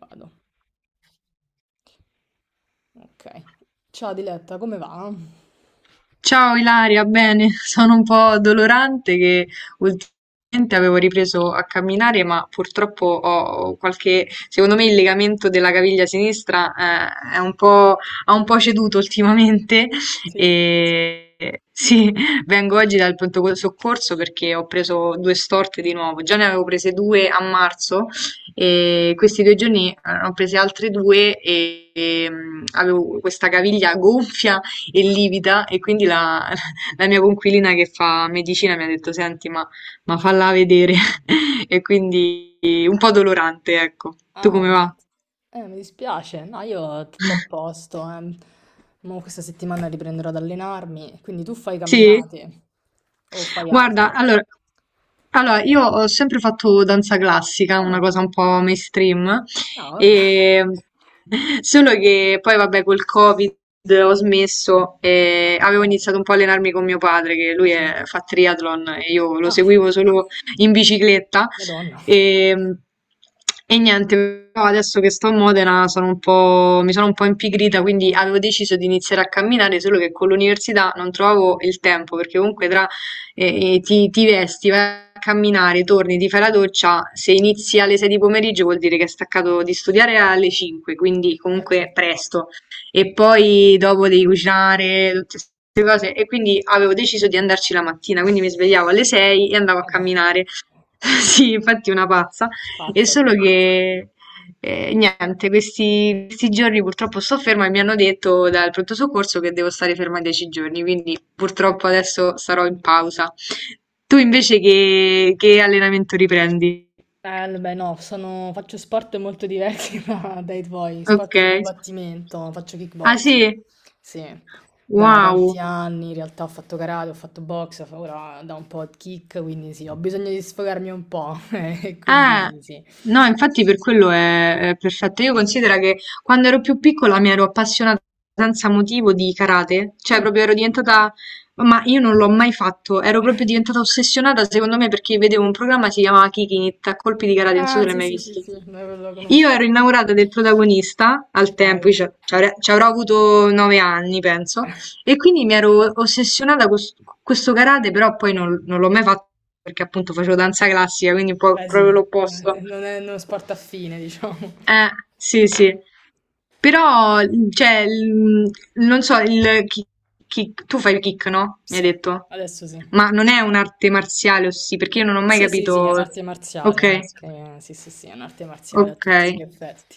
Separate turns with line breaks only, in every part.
Vado, ok. Ciao Diletta, come va?
Ciao Ilaria, bene, sono un po' dolorante che ultimamente avevo ripreso a camminare, ma purtroppo ho qualche, secondo me il legamento della caviglia sinistra è un po', ha un po' ceduto ultimamente
Sì.
e sì, vengo oggi dal pronto soccorso perché ho preso due storte di nuovo, già ne avevo prese due a marzo e questi due giorni ne ho prese altre due e, avevo questa caviglia gonfia e livida e quindi la, la mia coinquilina che fa medicina mi ha detto senti ma, falla vedere. E quindi un po' dolorante ecco. Tu
Ah,
come va?
ammazza. Mi dispiace. No, io tutto a posto, eh. Mo questa settimana riprenderò ad allenarmi, quindi tu fai
Sì?
camminate o fai
Guarda,
altro?
allora, io ho sempre fatto danza classica, una
Ah,
cosa un po' mainstream,
no, vabbè.
e solo che poi vabbè col Covid ho
Ah,
smesso
ah,
e avevo
peccato.
iniziato un po' a allenarmi con mio padre, che lui
Ah, ah.
fa triathlon e io lo
Ah.
seguivo solo in bicicletta
Madonna.
e, e niente, però adesso che sto a Modena sono un po', mi sono un po' impigrita, quindi
Eh,
avevo deciso di iniziare a camminare, solo che con l'università non trovavo il tempo, perché comunque tra ti vesti, vai a camminare, torni, ti fai la doccia, se inizi alle 6 di pomeriggio vuol dire che hai staccato di studiare alle 5, quindi comunque
certo.
presto. E poi dopo devi cucinare, tutte queste cose. E quindi avevo deciso di andarci la mattina, quindi mi svegliavo alle 6 e andavo a
Madonna.
camminare. Sì, infatti una pazza. È
Pazza,
solo
sì.
che e niente, questi giorni purtroppo sto ferma e mi hanno detto dal pronto soccorso che devo stare ferma 10 giorni, quindi purtroppo adesso sarò in pausa. Tu invece che allenamento riprendi?
Beh, no, faccio sport molto diversi dai tuoi,
Ok.
sport di combattimento, faccio
Ah sì?
kickbox, sì, da
Wow.
tanti anni, in realtà ho fatto karate, ho fatto box, ora da un po' di kick, quindi sì, ho bisogno di sfogarmi un po', e
Eh,
quindi sì.
no, infatti per quello è perfetto. Io considero che quando ero più piccola mi ero appassionata senza motivo di karate, cioè
Mm.
proprio ero diventata, ma io non l'ho mai fatto, ero proprio diventata ossessionata secondo me perché vedevo un programma che si chiamava Kick It, a colpi di karate, non so
Ah,
se l'hai
sì,
mai
sì, sì,
visto.
sì, lo
Io
conosco.
ero innamorata del protagonista al
Ah,
tempo, io
ecco.
ci avrò avuto 9 anni, penso, e quindi mi ero ossessionata con questo karate, però poi non l'ho mai fatto perché appunto facevo danza classica, quindi un po'
Beh, sì,
proprio l'opposto.
non è uno sport affine, diciamo.
Eh, sì, sì. Però, cioè, non so, tu fai il kick, no? Mi hai
Sì,
detto.
adesso sì.
Ma non è un'arte marziale, o sì, perché io non ho mai
Sì, sì, sì, è
capito.
un'arte marziale,
Ok,
no? Che- sì, sì, sì, è un'arte marziale a
ok.
tutti gli effetti.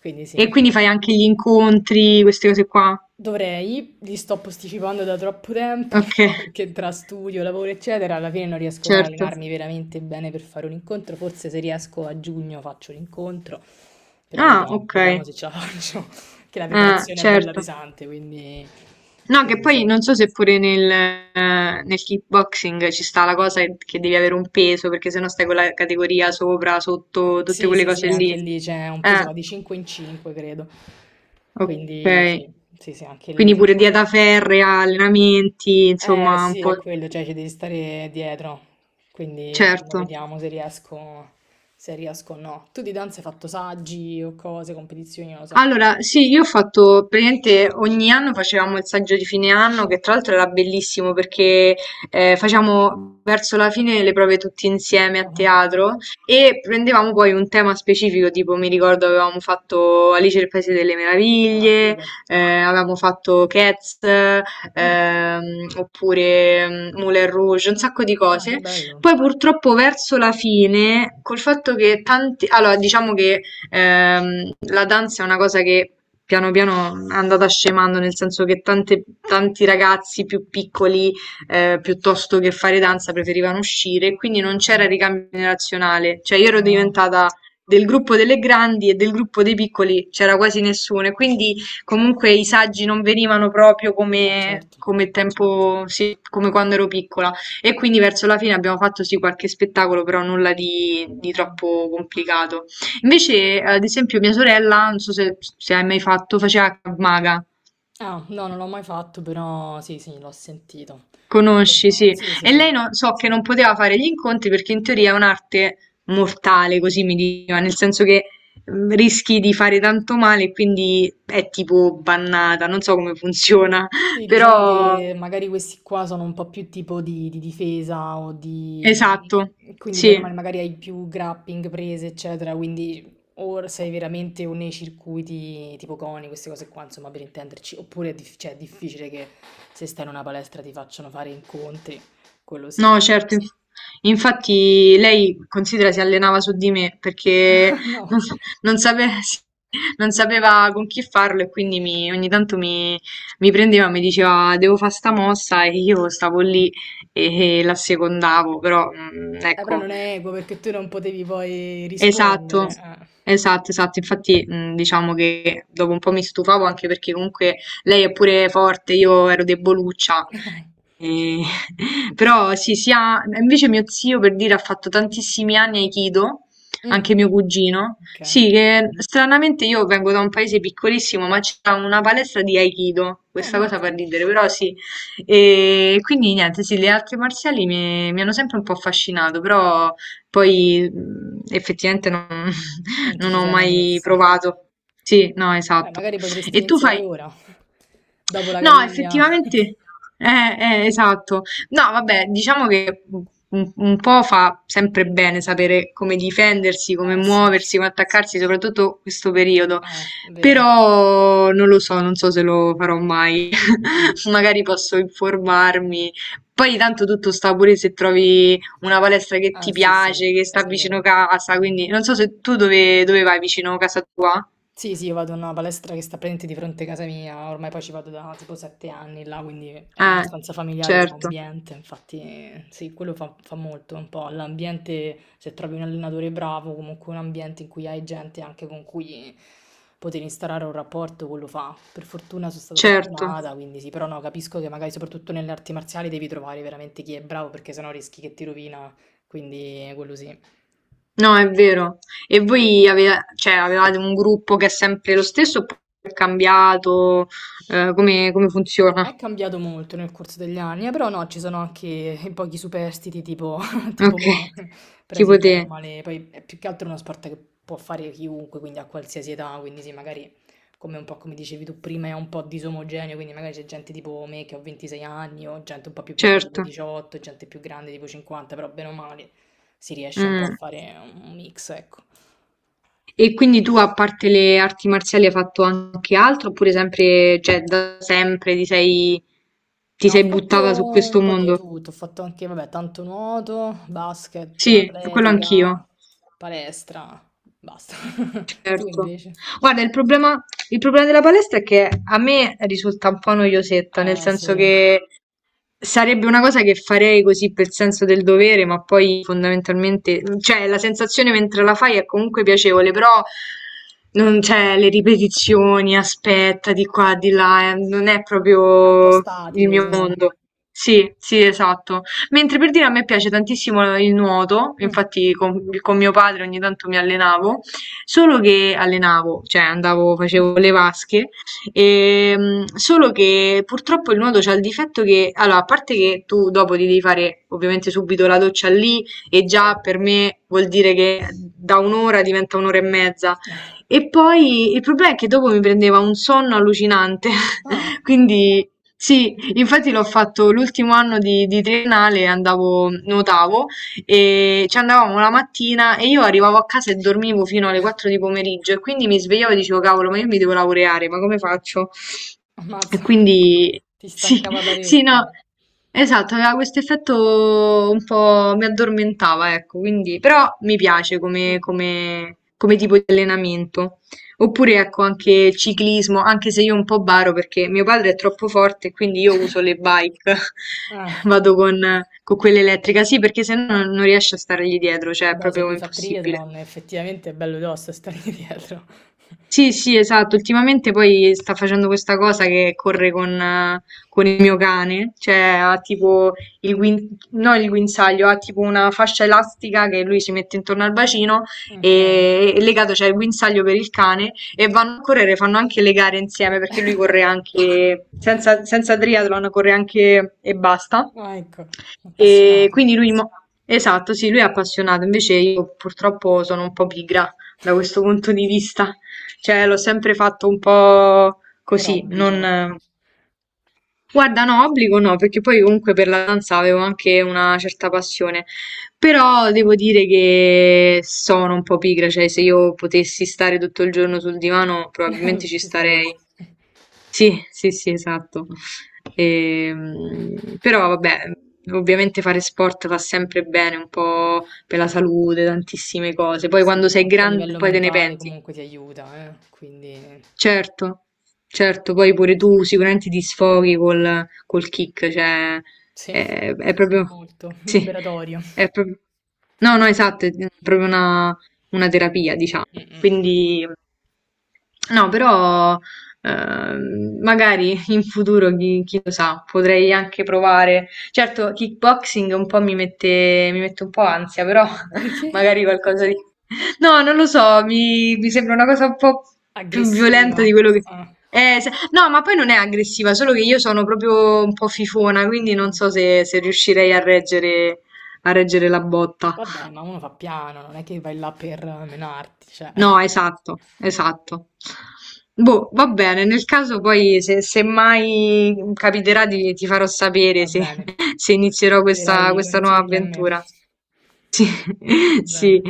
Quindi sì,
E quindi fai anche gli incontri, queste cose qua.
dovrei, li sto posticipando da troppo tempo
Ok,
perché tra studio, lavoro, eccetera, alla fine non riesco mai a
certo.
allenarmi veramente bene per fare un incontro. Forse se riesco a giugno faccio l'incontro, però
Ah,
vediamo,
ok.
vediamo se ce la faccio, che la
Ah,
preparazione è bella
certo.
pesante, quindi,
No, che
quindi
poi
sì.
non so se pure nel kickboxing ci sta la cosa che devi avere un peso, perché sennò stai con la categoria sopra, sotto, tutte
Sì,
quelle
sì,
cose
sì,
lì.
anche lì c'è un peso va
Eh,
di 5 in 5, credo.
ok.
Quindi sì, sì, sì, anche
Quindi
lì.
pure dieta ferrea, allenamenti,
Eh
insomma, un
sì,
po'.
è quello, cioè ci devi stare dietro, quindi mo
Certo.
vediamo se riesco, se riesco o no. Tu di danza hai fatto saggi o cose, competizioni, non lo so.
Allora, sì, io ho fatto praticamente ogni anno facevamo il saggio di fine anno,
Mm.
che tra l'altro era bellissimo perché facevamo verso la fine le prove tutti insieme a
Ah.
teatro e prendevamo poi un tema specifico, tipo mi ricordo avevamo fatto Alice nel Paese delle
Ah,
Meraviglie,
figo.
avevamo fatto Cats,
Mm.
ehm, oppure Moulin Rouge, un sacco di
Ah, che
cose.
bello.
Poi purtroppo verso la fine, col fatto che tanti, allora diciamo che ehm, la danza è una cosa che piano piano è andata scemando, nel senso che tanti ragazzi più piccoli, piuttosto che fare danza, preferivano uscire, e quindi non
Mm.
c'era ricambio generazionale. Cioè io ero
Ah,
diventata del gruppo delle grandi e del gruppo dei piccoli c'era quasi nessuno, e quindi comunque i saggi non venivano proprio come.
certo.
Come tempo, sì, come quando ero piccola. E quindi verso la fine abbiamo fatto sì qualche spettacolo, però nulla di
Mm.
troppo complicato. Invece, ad esempio, mia sorella, non so se hai mai fatto, faceva Krav Maga.
Ah, no, non l'ho mai fatto, però sì, sì, l'ho sentito. Però
Conosci,
no.
sì.
Sì, sì,
E
sì.
lei non, so che non poteva fare gli incontri perché in teoria è un'arte mortale, così mi diceva, nel senso che rischi di fare tanto male e quindi è tipo bannata, non so come funziona,
Sì, diciamo
però
che magari questi qua sono un po' più tipo di difesa o di...
esatto,
quindi
sì.
bene o male magari hai più grappling prese, eccetera, quindi o sei veramente o nei circuiti tipo coni, queste cose qua, insomma, per intenderci, oppure è, cioè, è difficile che se stai in una palestra ti facciano fare incontri, quello sì.
No, certo, infatti lei considera si allenava su di me perché non,
No.
non sape- non sapeva con chi farlo e quindi ogni tanto mi prendeva e mi diceva devo fare sta mossa e io stavo lì e la secondavo, però
Però
ecco.
non è equo perché tu non potevi poi
Esatto,
rispondere. Eh.
esatto, esatto. Infatti, diciamo che dopo un po' mi stufavo anche perché comunque lei è pure forte, io ero deboluccia. E- Però sì, invece mio zio per dire ha fatto tantissimi anni Aikido,
Mm,
anche mio cugino.
ok, ah,
Sì, che stranamente io vengo da un paese piccolissimo, ma c'è una palestra di Aikido. Questa cosa
ammazza,
fa ridere, però sì. E quindi niente, sì, le arti marziali mi hanno sempre un po' affascinato, però. Poi, effettivamente non
non ti
non
ci
ho
sei mai
mai
messa.
provato. Sì, no,
Beh,
esatto.
magari potresti
E tu fai
iniziare ora, dopo la
no,
caviglia.
effettivamente esatto. No, vabbè, diciamo che u un po' fa sempre bene sapere come difendersi, come
Eh sì,
muoversi, come attaccarsi, soprattutto questo periodo.
vero.
Però non lo so, non so se lo farò mai.
Mm.
Magari posso informarmi. Poi tanto tutto sta pure se trovi una palestra che ti
Ah sì, sì,
piace, che
è
sta vicino
vero.
casa, quindi non so se tu dove vai vicino casa tua?
Sì, sì, io vado in una palestra che sta praticamente di fronte a casa mia, ormai poi ci vado da tipo 7 anni là, quindi è
Eh,
abbastanza familiare come
certo,
ambiente, infatti sì, quello fa molto un po', l'ambiente, se trovi un allenatore bravo, comunque un ambiente in cui hai gente anche con cui poter instaurare un rapporto, quello fa. Per fortuna sono stata
certo.
fortunata, quindi sì, però no, capisco che magari soprattutto nelle arti marziali devi trovare veramente chi è bravo, perché sennò rischi che ti rovina, quindi quello sì.
No, è vero. E voi cioè, avevate un gruppo che è sempre lo stesso oppure è cambiato? Come funziona?
È cambiato molto nel corso degli anni, però no, ci sono anche i pochi superstiti tipo, tipo
Ok,
me, però
tipo
sì,
te,
bene o male, poi è più che altro uno sport che può fare chiunque, quindi a qualsiasi età, quindi sì, magari come un po' come dicevi tu prima è un po' disomogeneo, quindi magari c'è gente tipo me che ho 26 anni o gente un po' più piccola tipo
certo.
18, gente più grande tipo 50, però bene o male si riesce un po' a
Mm.
fare un mix, ecco.
E quindi tu, a parte le arti marziali, hai fatto anche altro? Oppure sempre, cioè, da sempre ti
No, ho
sei buttata
fatto
su
un
questo
po' di
mondo?
tutto, ho fatto anche, vabbè, tanto nuoto, basket,
Sì, quello
atletica,
anch'io.
palestra, basta. Tu
Certo.
invece?
Guarda, il problema della palestra è che a me risulta un po' noiosetta, nel
Eh
senso
sì,
che sarebbe una cosa che farei così per senso del dovere, ma poi fondamentalmente, cioè la sensazione mentre la fai è comunque piacevole, però non c'è le ripetizioni, aspetta di qua, di là, non è
è un po'
proprio il
statico,
mio
sì.
mondo. Sì, sì, esatto. Mentre per dire a me piace tantissimo il nuoto,
Mm.
infatti con mio padre ogni tanto mi allenavo. Solo che allenavo, cioè andavo, facevo le vasche, solo che purtroppo il nuoto c'ha il difetto che, allora, a parte che tu dopo ti devi fare ovviamente subito la doccia lì e già
Certo.
per me vuol dire che da un'ora diventa un'ora e mezza. E poi il problema è che dopo mi prendeva un sonno allucinante,
Ah,
quindi sì, infatti l'ho fatto l'ultimo anno di triennale, andavo, nuotavo e ci andavamo la mattina e io arrivavo a casa e dormivo fino alle 4 di pomeriggio e quindi mi svegliavo e dicevo, cavolo, ma io mi devo laureare, ma come faccio? E
ammazza,
quindi
ti
sì,
stancava
sì, no,
parecchio.
esatto, aveva questo effetto un po' mi addormentava, ecco, quindi però mi piace
Mm.
come tipo di allenamento. Oppure ecco anche ciclismo, anche se io un po' baro perché mio padre è troppo forte, quindi io uso le bike,
Ah,
vado con quella elettrica, sì, perché se no non riesce a stargli dietro, cioè è
vabbè, se
proprio
lui fa
impossibile.
triathlon, effettivamente è bello tosto stare dietro.
Sì, sì, esatto. Ultimamente poi sta facendo questa cosa che corre con il mio cane, cioè ha tipo no, il guinzaglio, ha tipo una fascia elastica che lui si mette intorno al bacino
Ok.
e legato c'è il guinzaglio per il cane e vanno a correre, fanno anche le gare insieme perché lui corre anche senza triathlon, corre anche e basta.
Ah, ecco,
E
appassionato.
quindi lui, esatto, sì, lui è appassionato, invece io purtroppo sono un po' pigra da questo punto di vista. Cioè, l'ho sempre fatto un po'
Per
così,
obbligo.
non. Guarda, no, obbligo no, perché poi comunque per la danza avevo anche una certa passione, però devo dire che sono un po' pigra, cioè se io potessi stare tutto il giorno sul divano probabilmente ci
Ci
starei.
staresti.
Sì, sì, sì, esatto. Però vabbè, ovviamente fare sport fa sempre bene, un po' per la salute, tantissime cose, poi quando
Sì,
sei
anche a
grande
livello
poi te ne
mentale
penti.
comunque ti aiuta, quindi
Certo, certo, poi pure
quindi sì.
tu sicuramente ti sfoghi col kick, cioè
Sì,
è proprio,
molto
sì,
liberatorio.
è proprio, no, no, esatto, è proprio una terapia, diciamo.
Mh-mh.
Quindi, no, però magari in futuro, chi lo sa, potrei anche provare. Certo, kickboxing un po' mi mette un po' ansia, però
Perché?
magari qualcosa di. No, non lo so, mi sembra una cosa un po' più violenta
Aggressiva.
di quello che.
Ah,
No, ma poi non è aggressiva, solo che io sono proprio un po' fifona, quindi non
mh.
so se riuscirei a reggere la botta.
Vabbè, ma uno fa piano, non è che vai là per menarti, cioè.
No, esatto, esatto. Boh, va bene, nel caso poi se mai capiterà ti farò
Va
sapere se,
bene.
se inizierò
Chiederai i
questa nuova
consigli a me.
avventura. Sì,
Va
sì,
bene.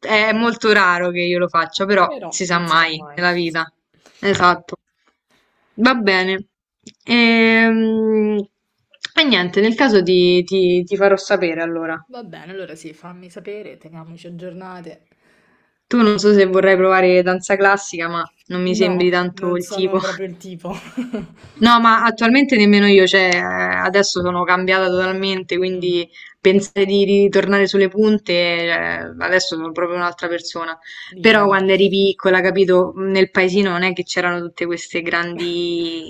è molto raro che io lo faccia, però
Però
si sa
non si sa
mai
mai.
nella vita. Esatto. Va bene. Ehm, E, niente, nel caso ti farò sapere allora.
Va bene, allora sì, fammi sapere, teniamoci aggiornate.
Tu non so se vorrai provare danza classica, ma non mi
No,
sembri tanto
Non
il
sono
tipo.
proprio il tipo.
No, ma attualmente nemmeno io, cioè adesso sono cambiata totalmente, quindi
Mm,
pensare di ritornare sulle punte, adesso sono proprio un'altra persona.
dici di
Però
no.
quando eri piccola, capito, nel paesino non è che c'erano tutte queste grandi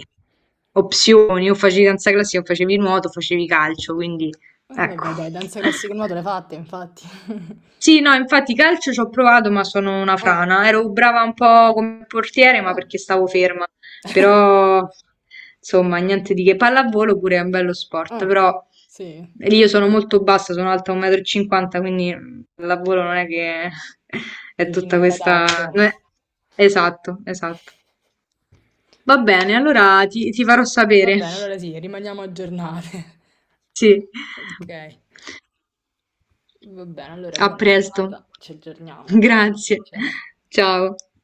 opzioni, o facevi danza classica, o facevi nuoto, o facevi calcio, quindi ecco.
Vabbè, dai, danza classica e nuoto le fatte, infatti.
Sì, no, infatti calcio ci ho provato, ma sono una
Ah,
frana. Ero brava un po' come portiere, ma
ah,
perché stavo ferma. Però, insomma, niente di che. Pallavolo pure è un bello sport,
ah,
però
sì.
lì io sono molto bassa, sono alta 1,50 m, quindi pallavolo non è che è
Dici
tutta
non era
questa.
adatto.
Non Esatto, esatto. Va bene, allora ti farò
Va
sapere.
bene, allora sì, rimaniamo aggiornate.
Sì.
Ok, va bene, allora
A
buona
presto.
serata, ci aggiorniamo, ciao,
Grazie.
ciao.
Ciao.